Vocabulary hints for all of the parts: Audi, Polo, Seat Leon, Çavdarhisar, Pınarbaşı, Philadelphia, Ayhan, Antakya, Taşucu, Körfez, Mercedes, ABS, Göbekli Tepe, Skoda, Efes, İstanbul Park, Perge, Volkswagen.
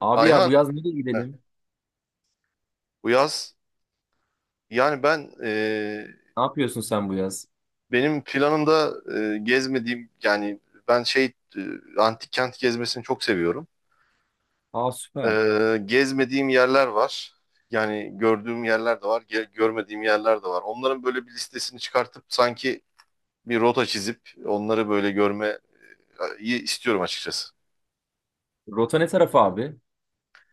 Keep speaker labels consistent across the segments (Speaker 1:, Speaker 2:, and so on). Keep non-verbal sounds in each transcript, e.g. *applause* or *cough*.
Speaker 1: Abi ya,
Speaker 2: Ayhan,
Speaker 1: bu yaz nereye
Speaker 2: heh,
Speaker 1: gidelim?
Speaker 2: bu yaz yani ben e,
Speaker 1: Ne yapıyorsun sen bu yaz?
Speaker 2: benim planımda gezmediğim ben şey e, antik kent gezmesini çok seviyorum.
Speaker 1: Aa,
Speaker 2: E,
Speaker 1: süper.
Speaker 2: Gezmediğim yerler var. Yani gördüğüm yerler de var, görmediğim yerler de var. Onların böyle bir listesini çıkartıp sanki bir rota çizip onları böyle görmeyi istiyorum açıkçası.
Speaker 1: Rota ne tarafı abi?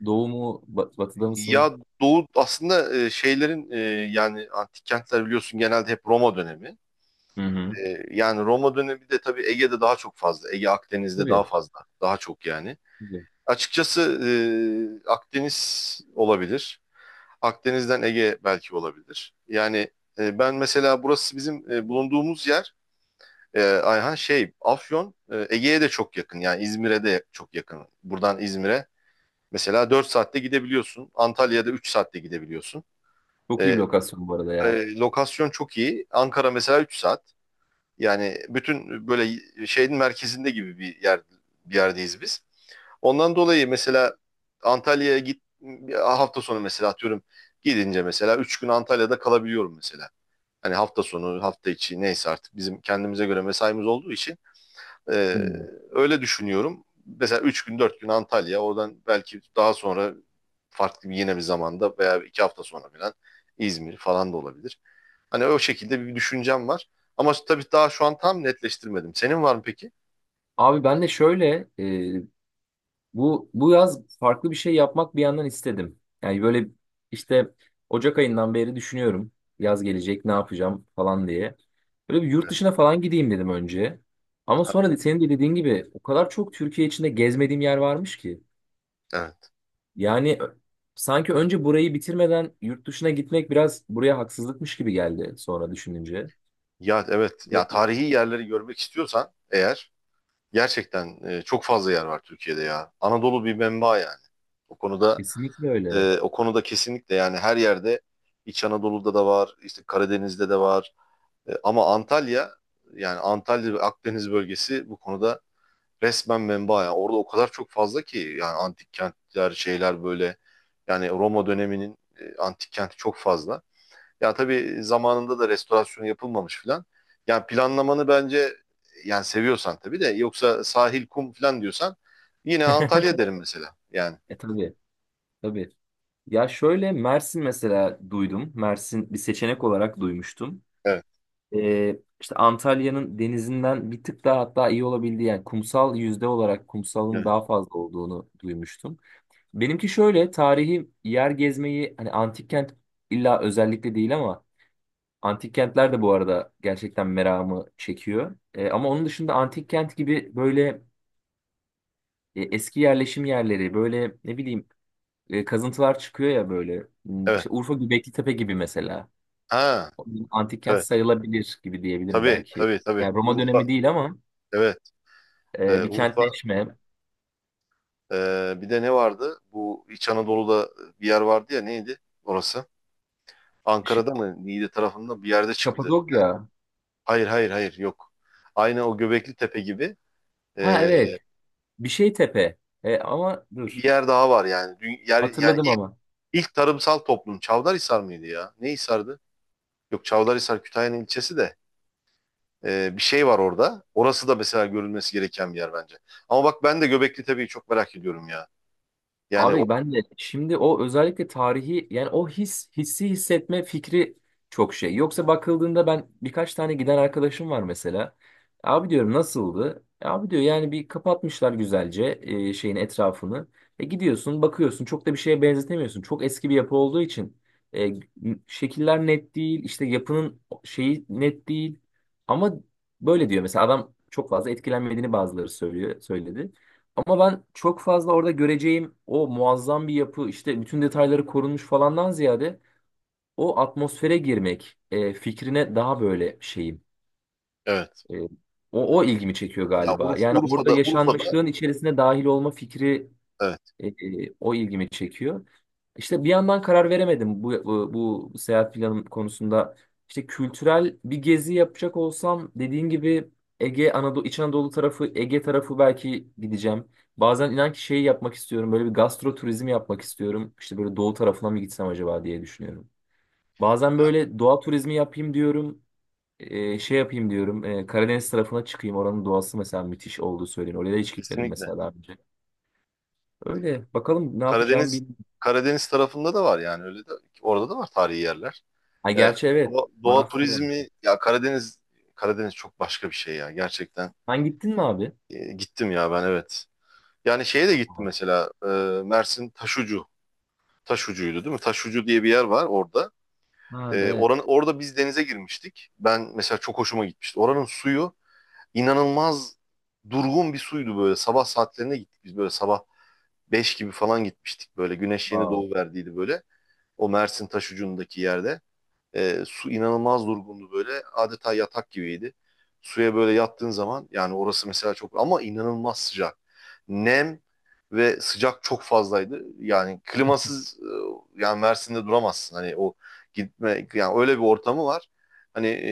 Speaker 1: Doğu mu? Batıda mısın?
Speaker 2: Ya Doğu aslında yani antik kentler biliyorsun genelde hep Roma dönemi.
Speaker 1: Hı hı.
Speaker 2: Yani Roma dönemi bir de tabii Ege'de daha çok fazla. Ege Akdeniz'de daha
Speaker 1: Tabii,
Speaker 2: fazla. Daha çok yani.
Speaker 1: tabii.
Speaker 2: Açıkçası Akdeniz olabilir. Akdeniz'den Ege belki olabilir. Yani ben mesela burası bizim bulunduğumuz yer, Ayhan şey Afyon, Ege'ye de çok yakın. Yani İzmir'e de çok yakın. Buradan İzmir'e mesela 4 saatte gidebiliyorsun. Antalya'da 3 saatte gidebiliyorsun.
Speaker 1: Çok iyi bir
Speaker 2: E,
Speaker 1: lokasyon bu arada ya.
Speaker 2: Lokasyon çok iyi. Ankara mesela 3 saat. Yani bütün böyle şeyin merkezinde gibi bir yerdeyiz biz. Ondan dolayı mesela Antalya'ya git hafta sonu mesela atıyorum gidince mesela 3 gün Antalya'da kalabiliyorum mesela. Hani hafta sonu, hafta içi neyse artık bizim kendimize göre mesaimiz olduğu için
Speaker 1: Hı.
Speaker 2: ee, öyle düşünüyorum. Mesela 3 gün 4 gün Antalya, oradan belki daha sonra farklı bir yine bir zamanda veya 2 hafta sonra falan İzmir falan da olabilir. Hani o şekilde bir düşüncem var. Ama tabii daha şu an tam netleştirmedim. Senin var mı peki?
Speaker 1: Abi ben de şöyle, bu yaz farklı bir şey yapmak bir yandan istedim. Yani böyle işte Ocak ayından beri düşünüyorum. Yaz gelecek ne yapacağım falan diye. Böyle bir yurt
Speaker 2: Evet.
Speaker 1: dışına falan gideyim dedim önce. Ama
Speaker 2: Ha,
Speaker 1: sonra da senin de dediğin gibi o kadar çok Türkiye içinde gezmediğim yer varmış ki.
Speaker 2: evet.
Speaker 1: Yani sanki önce burayı bitirmeden yurt dışına gitmek biraz buraya haksızlıkmış gibi geldi sonra düşününce.
Speaker 2: Ya evet.
Speaker 1: Evet.
Speaker 2: Ya tarihi yerleri görmek istiyorsan eğer gerçekten çok fazla yer var Türkiye'de ya. Anadolu bir menba yani. O konuda
Speaker 1: Kesinlikle öyle.
Speaker 2: o konuda kesinlikle yani her yerde, İç Anadolu'da da var, işte Karadeniz'de de var. Ama Antalya, yani Antalya ve Akdeniz bölgesi bu konuda resmen menba. Yani orada o kadar çok fazla ki yani antik kentler şeyler böyle, yani Roma döneminin antik kenti çok fazla. Ya tabii zamanında da restorasyon yapılmamış filan. Yani planlamanı bence, yani seviyorsan tabii de yoksa sahil kum filan diyorsan yine Antalya derim mesela. Yani
Speaker 1: E tabii, tabii. Ya şöyle, Mersin mesela duydum. Mersin bir seçenek olarak duymuştum.
Speaker 2: evet.
Speaker 1: İşte Antalya'nın denizinden bir tık daha hatta iyi olabildiği, yani kumsal yüzde olarak kumsalın
Speaker 2: Evet.
Speaker 1: daha fazla olduğunu duymuştum. Benimki şöyle, tarihi yer gezmeyi hani antik kent illa özellikle değil ama antik kentler de bu arada gerçekten meramı çekiyor. E, ama onun dışında antik kent gibi böyle eski yerleşim yerleri, böyle ne bileyim, kazıntılar çıkıyor ya böyle. Hmm, İşte
Speaker 2: Evet.
Speaker 1: Urfa Göbekli Tepe gibi mesela.
Speaker 2: Ha,
Speaker 1: Antik kent
Speaker 2: evet.
Speaker 1: sayılabilir gibi diyebilirim
Speaker 2: Tabii
Speaker 1: belki.
Speaker 2: tabii tabii.
Speaker 1: Yani Roma
Speaker 2: Urfa
Speaker 1: dönemi değil ama
Speaker 2: evet.
Speaker 1: bir
Speaker 2: Urfa...
Speaker 1: kentleşme.
Speaker 2: Bir de ne vardı? Bu İç Anadolu'da bir yer vardı ya, neydi orası?
Speaker 1: Ş-
Speaker 2: Ankara'da mı? Niğde tarafında bir yerde çıktı.
Speaker 1: Kapadokya.
Speaker 2: Hayır hayır hayır yok. Aynı o Göbekli Tepe gibi,
Speaker 1: Ha
Speaker 2: ee,
Speaker 1: evet. Bir şey tepe. E, ama
Speaker 2: bir
Speaker 1: dur.
Speaker 2: yer daha var yani. Yani
Speaker 1: Hatırladım ama.
Speaker 2: ilk tarımsal toplum Çavdarhisar mıydı ya? Ne Hisar'dı? Yok, Çavdarhisar Kütahya'nın ilçesi de. Bir şey var orada. Orası da mesela görülmesi gereken bir yer bence. Ama bak ben de Göbekli Tepe'yi çok merak ediyorum ya. Yani o,
Speaker 1: Abi ben de şimdi o özellikle tarihi, yani o hissi hissetme fikri çok şey. Yoksa bakıldığında ben, birkaç tane giden arkadaşım var mesela. Abi diyorum, nasıldı? E, abi diyor, yani bir kapatmışlar güzelce şeyin etrafını. E gidiyorsun, bakıyorsun, çok da bir şeye benzetemiyorsun. Çok eski bir yapı olduğu için e, şekiller net değil, işte yapının şeyi net değil. Ama böyle diyor mesela adam, çok fazla etkilenmediğini bazıları söyledi. Ama ben çok fazla orada göreceğim o muazzam bir yapı, işte bütün detayları korunmuş falandan ziyade o atmosfere girmek fikrine daha böyle şeyim.
Speaker 2: Evet.
Speaker 1: E, o ilgimi çekiyor
Speaker 2: ya
Speaker 1: galiba.
Speaker 2: Urf,
Speaker 1: Yani orada
Speaker 2: Urfa'da, Urfa'da
Speaker 1: yaşanmışlığın içerisine dahil olma fikri,
Speaker 2: evet,
Speaker 1: o ilgimi çekiyor. İşte bir yandan karar veremedim bu seyahat planım konusunda. İşte kültürel bir gezi yapacak olsam, dediğin gibi Ege, Anadolu, İç Anadolu tarafı, Ege tarafı belki gideceğim. Bazen inan ki şeyi yapmak istiyorum. Böyle bir gastro turizmi yapmak istiyorum. İşte böyle doğu tarafına mı gitsem acaba diye düşünüyorum. Bazen
Speaker 2: ya
Speaker 1: böyle doğa turizmi yapayım diyorum. E, şey yapayım diyorum. E, Karadeniz tarafına çıkayım. Oranın doğası mesela müthiş olduğu söyleniyor. Oraya da hiç gitmedim
Speaker 2: kesinlikle.
Speaker 1: mesela daha önce. Öyle. Bakalım ne yapacağımı.
Speaker 2: Karadeniz Karadeniz tarafında da var yani, öyle de, orada da var tarihi yerler.
Speaker 1: Ha
Speaker 2: Ee,
Speaker 1: gerçi evet.
Speaker 2: Doğa
Speaker 1: Manastır var.
Speaker 2: turizmi ya Karadeniz, Karadeniz çok başka bir şey ya gerçekten.
Speaker 1: Sen gittin mi abi?
Speaker 2: Gittim ya ben, evet. Yani şeye de gittim
Speaker 1: Aa.
Speaker 2: mesela, Mersin Taşucu. Taşucu'ydu değil mi? Taşucu diye bir yer var orada.
Speaker 1: Ha evet.
Speaker 2: Orada biz denize girmiştik. Ben mesela çok hoşuma gitmişti. Oranın suyu inanılmaz durgun bir suydu böyle. Sabah saatlerine gittik biz, böyle sabah 5 gibi falan gitmiştik böyle. Güneş yeni
Speaker 1: Aa.
Speaker 2: doğu verdiydi böyle. O Mersin Taşucu'ndaki yerde. Su inanılmaz durgundu böyle. Adeta yatak gibiydi. Suya böyle yattığın zaman, yani orası mesela çok ama inanılmaz sıcak. Nem ve sıcak çok fazlaydı. Yani klimasız yani Mersin'de duramazsın. Hani o gitme, yani öyle bir ortamı var. Hani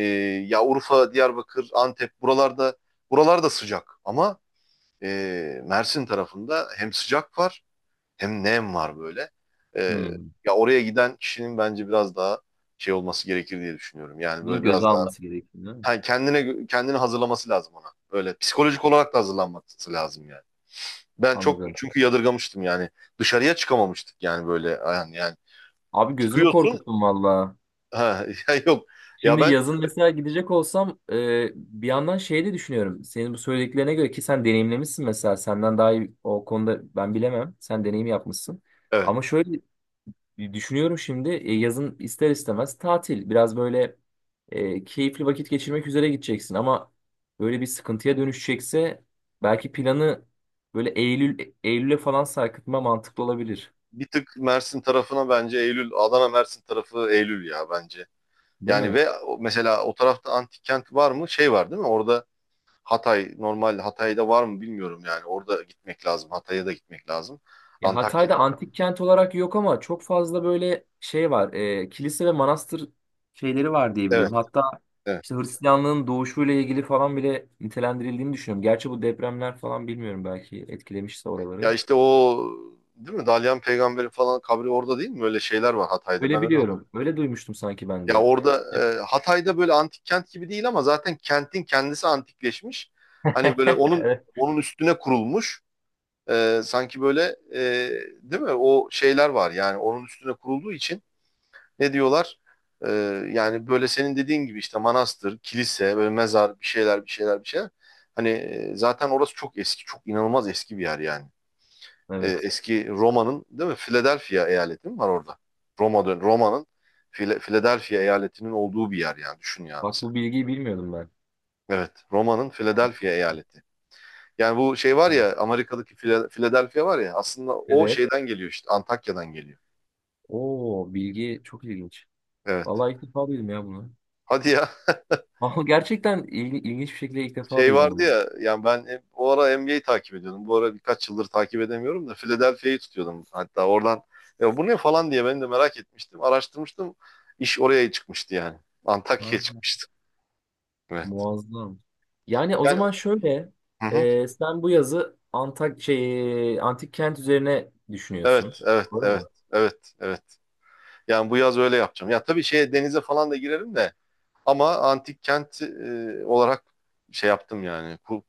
Speaker 2: ya Urfa, Diyarbakır, Antep buralarda sıcak, ama Mersin tarafında hem sıcak var hem nem var böyle. Ee,
Speaker 1: Hmm.
Speaker 2: Ya oraya giden kişinin bence biraz daha şey olması gerekir diye düşünüyorum. Yani
Speaker 1: Bunu
Speaker 2: böyle
Speaker 1: göze
Speaker 2: biraz daha,
Speaker 1: alması gerekiyor, değil mi?
Speaker 2: ha, kendini hazırlaması lazım ona. Böyle psikolojik olarak da hazırlanması lazım yani. Ben çok
Speaker 1: Anladım.
Speaker 2: çünkü yadırgamıştım yani. Dışarıya çıkamamıştık yani, yani
Speaker 1: Abi gözümü
Speaker 2: çıkıyorsun,
Speaker 1: korkuttun valla.
Speaker 2: ha *laughs* ya yok. Ya
Speaker 1: Şimdi
Speaker 2: ben
Speaker 1: yazın mesela gidecek olsam, bir yandan şey de düşünüyorum. Senin bu söylediklerine göre, ki sen deneyimlemişsin mesela. Senden daha iyi o konuda ben bilemem. Sen deneyim yapmışsın.
Speaker 2: evet,
Speaker 1: Ama şöyle, düşünüyorum şimdi, yazın ister istemez tatil. Biraz böyle keyifli vakit geçirmek üzere gideceksin ama böyle bir sıkıntıya dönüşecekse belki planı böyle Eylül'e falan sarkıtma mantıklı olabilir.
Speaker 2: bir tık Mersin tarafına bence Eylül, Adana Mersin tarafı Eylül ya bence.
Speaker 1: Değil
Speaker 2: Yani
Speaker 1: mi?
Speaker 2: ve o- mesela o tarafta antik kent var mı? Şey var değil mi? Orada Hatay, normal Hatay'da var mı bilmiyorum yani. Orada gitmek lazım. Hatay'a da gitmek lazım.
Speaker 1: Ya
Speaker 2: Antakya.
Speaker 1: Hatay'da antik kent olarak yok ama çok fazla böyle şey var. Kilise ve manastır şeyleri var diye
Speaker 2: Evet,
Speaker 1: biliyorum. Hatta
Speaker 2: evet.
Speaker 1: işte Hristiyanlığın doğuşuyla ilgili falan bile nitelendirildiğini düşünüyorum. Gerçi bu depremler falan bilmiyorum, belki etkilemişse
Speaker 2: Ya
Speaker 1: oraları.
Speaker 2: işte o, değil mi? Dalyan Peygamber'in falan kabri orada değil mi? Öyle şeyler var Hatay'da.
Speaker 1: Öyle
Speaker 2: Ben öyle hatırlıyorum.
Speaker 1: biliyorum. Öyle duymuştum sanki ben
Speaker 2: Ya
Speaker 1: de.
Speaker 2: orada Hatay'da böyle antik kent gibi değil, ama zaten kentin kendisi antikleşmiş. Hani böyle
Speaker 1: *laughs* Evet.
Speaker 2: onun üstüne kurulmuş. Sanki böyle, e, değil mi? O şeyler var yani, onun üstüne kurulduğu için. Ne diyorlar? Ee, Yani böyle senin dediğin gibi işte manastır, kilise, böyle mezar, bir şeyler bir şeyler bir şeyler. Hani zaten orası çok eski, çok inanılmaz eski bir yer yani.
Speaker 1: Evet.
Speaker 2: Eski Roma'nın, değil mi? Philadelphia eyaleti mi var orada? Roma'nın Philadelphia eyaletinin olduğu bir yer yani, düşün ya
Speaker 1: Bak,
Speaker 2: mesela.
Speaker 1: bu bilgiyi bilmiyordum ben.
Speaker 2: Evet, Roma'nın Philadelphia eyaleti. Yani bu şey var
Speaker 1: Ha.
Speaker 2: ya, Amerika'daki Philadelphia var ya, aslında o
Speaker 1: Evet.
Speaker 2: şeyden geliyor, işte Antakya'dan geliyor.
Speaker 1: Oo, bilgi çok ilginç.
Speaker 2: Evet.
Speaker 1: Vallahi ilk defa duydum ya bunu.
Speaker 2: Hadi ya. *laughs*
Speaker 1: *laughs* Ama gerçekten ilginç bir şekilde ilk defa
Speaker 2: Şey
Speaker 1: duydum
Speaker 2: vardı
Speaker 1: bunu.
Speaker 2: ya yani, o ara NBA'yi takip ediyordum. Bu ara birkaç yıldır takip edemiyorum da Philadelphia'yı tutuyordum. Hatta oradan ya bu ne falan diye ben de merak etmiştim. Araştırmıştım. İş oraya çıkmıştı yani. Antakya'ya
Speaker 1: Ha,
Speaker 2: çıkmıştı. Evet.
Speaker 1: muazzam. Yani o
Speaker 2: Yani
Speaker 1: zaman şöyle,
Speaker 2: hı hı.
Speaker 1: sen bu yazı Antak şey antik kent üzerine düşünüyorsun.
Speaker 2: Evet, evet,
Speaker 1: Doğru
Speaker 2: evet.
Speaker 1: mu?
Speaker 2: Evet, evet. Yani bu yaz öyle yapacağım. Ya tabii şeye denize falan da girerim de, ama antik kent olarak şey yaptım yani.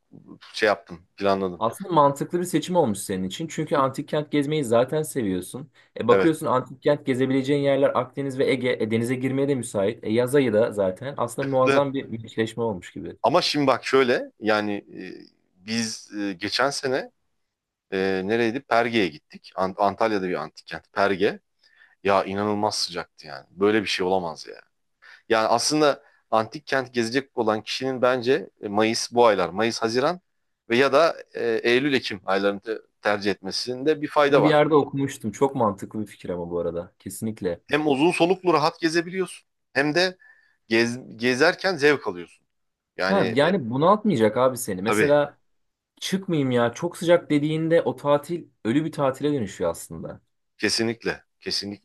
Speaker 2: Şey yaptım, planladım.
Speaker 1: Aslında mantıklı bir seçim olmuş senin için. Çünkü antik kent gezmeyi zaten seviyorsun. E
Speaker 2: Evet.
Speaker 1: bakıyorsun, antik kent gezebileceğin yerler Akdeniz ve Ege. E denize girmeye de müsait. E yaz ayı da zaten. Aslında
Speaker 2: *laughs*
Speaker 1: muazzam bir meşleşme olmuş gibi.
Speaker 2: Ama şimdi bak şöyle yani, geçen sene, nereydi? Perge'ye gittik. Antalya'da bir antik kent. Perge. Ya inanılmaz sıcaktı yani. Böyle bir şey olamaz ya. Yani aslında antik kent gezecek olan kişinin bence Mayıs, Haziran ve ya da Eylül, Ekim aylarını tercih etmesinde bir fayda
Speaker 1: Bunu bir
Speaker 2: var.
Speaker 1: yerde okumuştum. Çok mantıklı bir fikir ama bu arada. Kesinlikle.
Speaker 2: Hem uzun soluklu rahat gezebiliyorsun hem de gezerken zevk alıyorsun.
Speaker 1: Ha
Speaker 2: Yani
Speaker 1: yani bunaltmayacak abi seni.
Speaker 2: tabii
Speaker 1: Mesela çıkmayayım ya çok sıcak dediğinde o tatil ölü bir tatile dönüşüyor aslında.
Speaker 2: kesinlikle,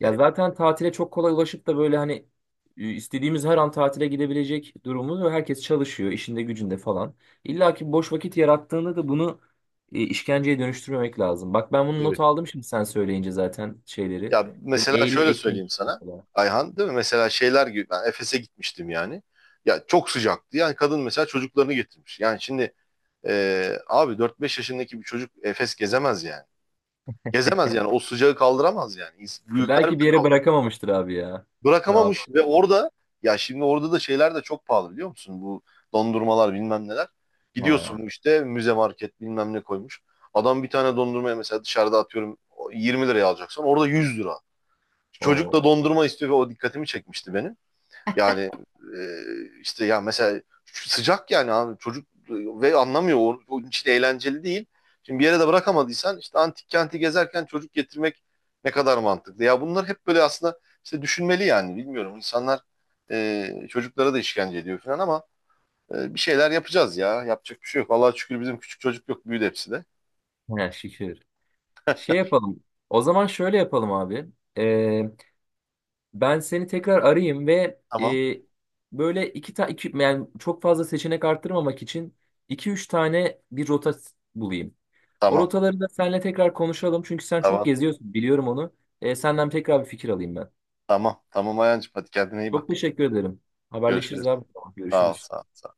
Speaker 1: Ya zaten tatile çok kolay ulaşıp da böyle hani istediğimiz her an tatile gidebilecek durumumuz ve herkes çalışıyor işinde gücünde falan. İlla ki boş vakit yarattığında da bunu işkenceye dönüştürmemek lazım. Bak, ben bunu not
Speaker 2: Tabii.
Speaker 1: aldım şimdi sen söyleyince zaten şeyleri.
Speaker 2: Ya
Speaker 1: Böyle
Speaker 2: mesela
Speaker 1: Eylül,
Speaker 2: şöyle
Speaker 1: Ekim
Speaker 2: söyleyeyim sana
Speaker 1: mesela.
Speaker 2: Ayhan, değil mi? Mesela şeyler gibi ben Efes'e gitmiştim yani. Ya çok sıcaktı. Yani kadın mesela çocuklarını getirmiş. Yani şimdi abi dört beş yaşındaki bir çocuk Efes gezemez yani. Gezemez yani, o sıcağı kaldıramaz yani.
Speaker 1: E,
Speaker 2: Büyükler
Speaker 1: belki
Speaker 2: bile
Speaker 1: bir yere
Speaker 2: kaldıramaz.
Speaker 1: bırakamamıştır abi ya. Ne yap?
Speaker 2: Bırakamamış ve orada, ya şimdi orada da şeyler de çok pahalı biliyor musun? Bu dondurmalar bilmem neler.
Speaker 1: Ha,
Speaker 2: Gidiyorsun, işte müze market bilmem ne koymuş. Adam bir tane dondurmaya mesela dışarıda atıyorum 20 lira liraya alacaksan orada 100 lira. Çocuk
Speaker 1: o.
Speaker 2: da dondurma istiyor ve o dikkatimi çekmişti benim. Yani işte ya mesela sıcak yani, abi çocuk ve anlamıyor. O, onun için eğlenceli değil. Şimdi bir yere de bırakamadıysan, işte antik kenti gezerken çocuk getirmek ne kadar mantıklı. Ya bunlar hep böyle aslında, işte düşünmeli yani, bilmiyorum. İnsanlar çocuklara da işkence ediyor falan, ama bir şeyler yapacağız ya. Yapacak bir şey yok. Vallahi şükür bizim küçük çocuk yok. Büyüdü hepsi de.
Speaker 1: Ha, şükür. Şey yapalım. O zaman şöyle yapalım abi. Ben seni tekrar arayayım ve
Speaker 2: Tamam.
Speaker 1: böyle iki, yani çok fazla seçenek arttırmamak için iki üç tane bir rota bulayım. O
Speaker 2: Tamam.
Speaker 1: rotaları da seninle tekrar konuşalım çünkü sen çok
Speaker 2: Tamam.
Speaker 1: geziyorsun, biliyorum onu. E, senden tekrar bir fikir alayım ben.
Speaker 2: Tamam. Tamam Ayancığım. Hadi kendine iyi
Speaker 1: Çok
Speaker 2: bak.
Speaker 1: teşekkür ederim. Haberleşiriz
Speaker 2: Görüşürüz.
Speaker 1: abi. Tamam,
Speaker 2: Sağ ol.
Speaker 1: görüşürüz.
Speaker 2: Sağ ol. Sağ ol.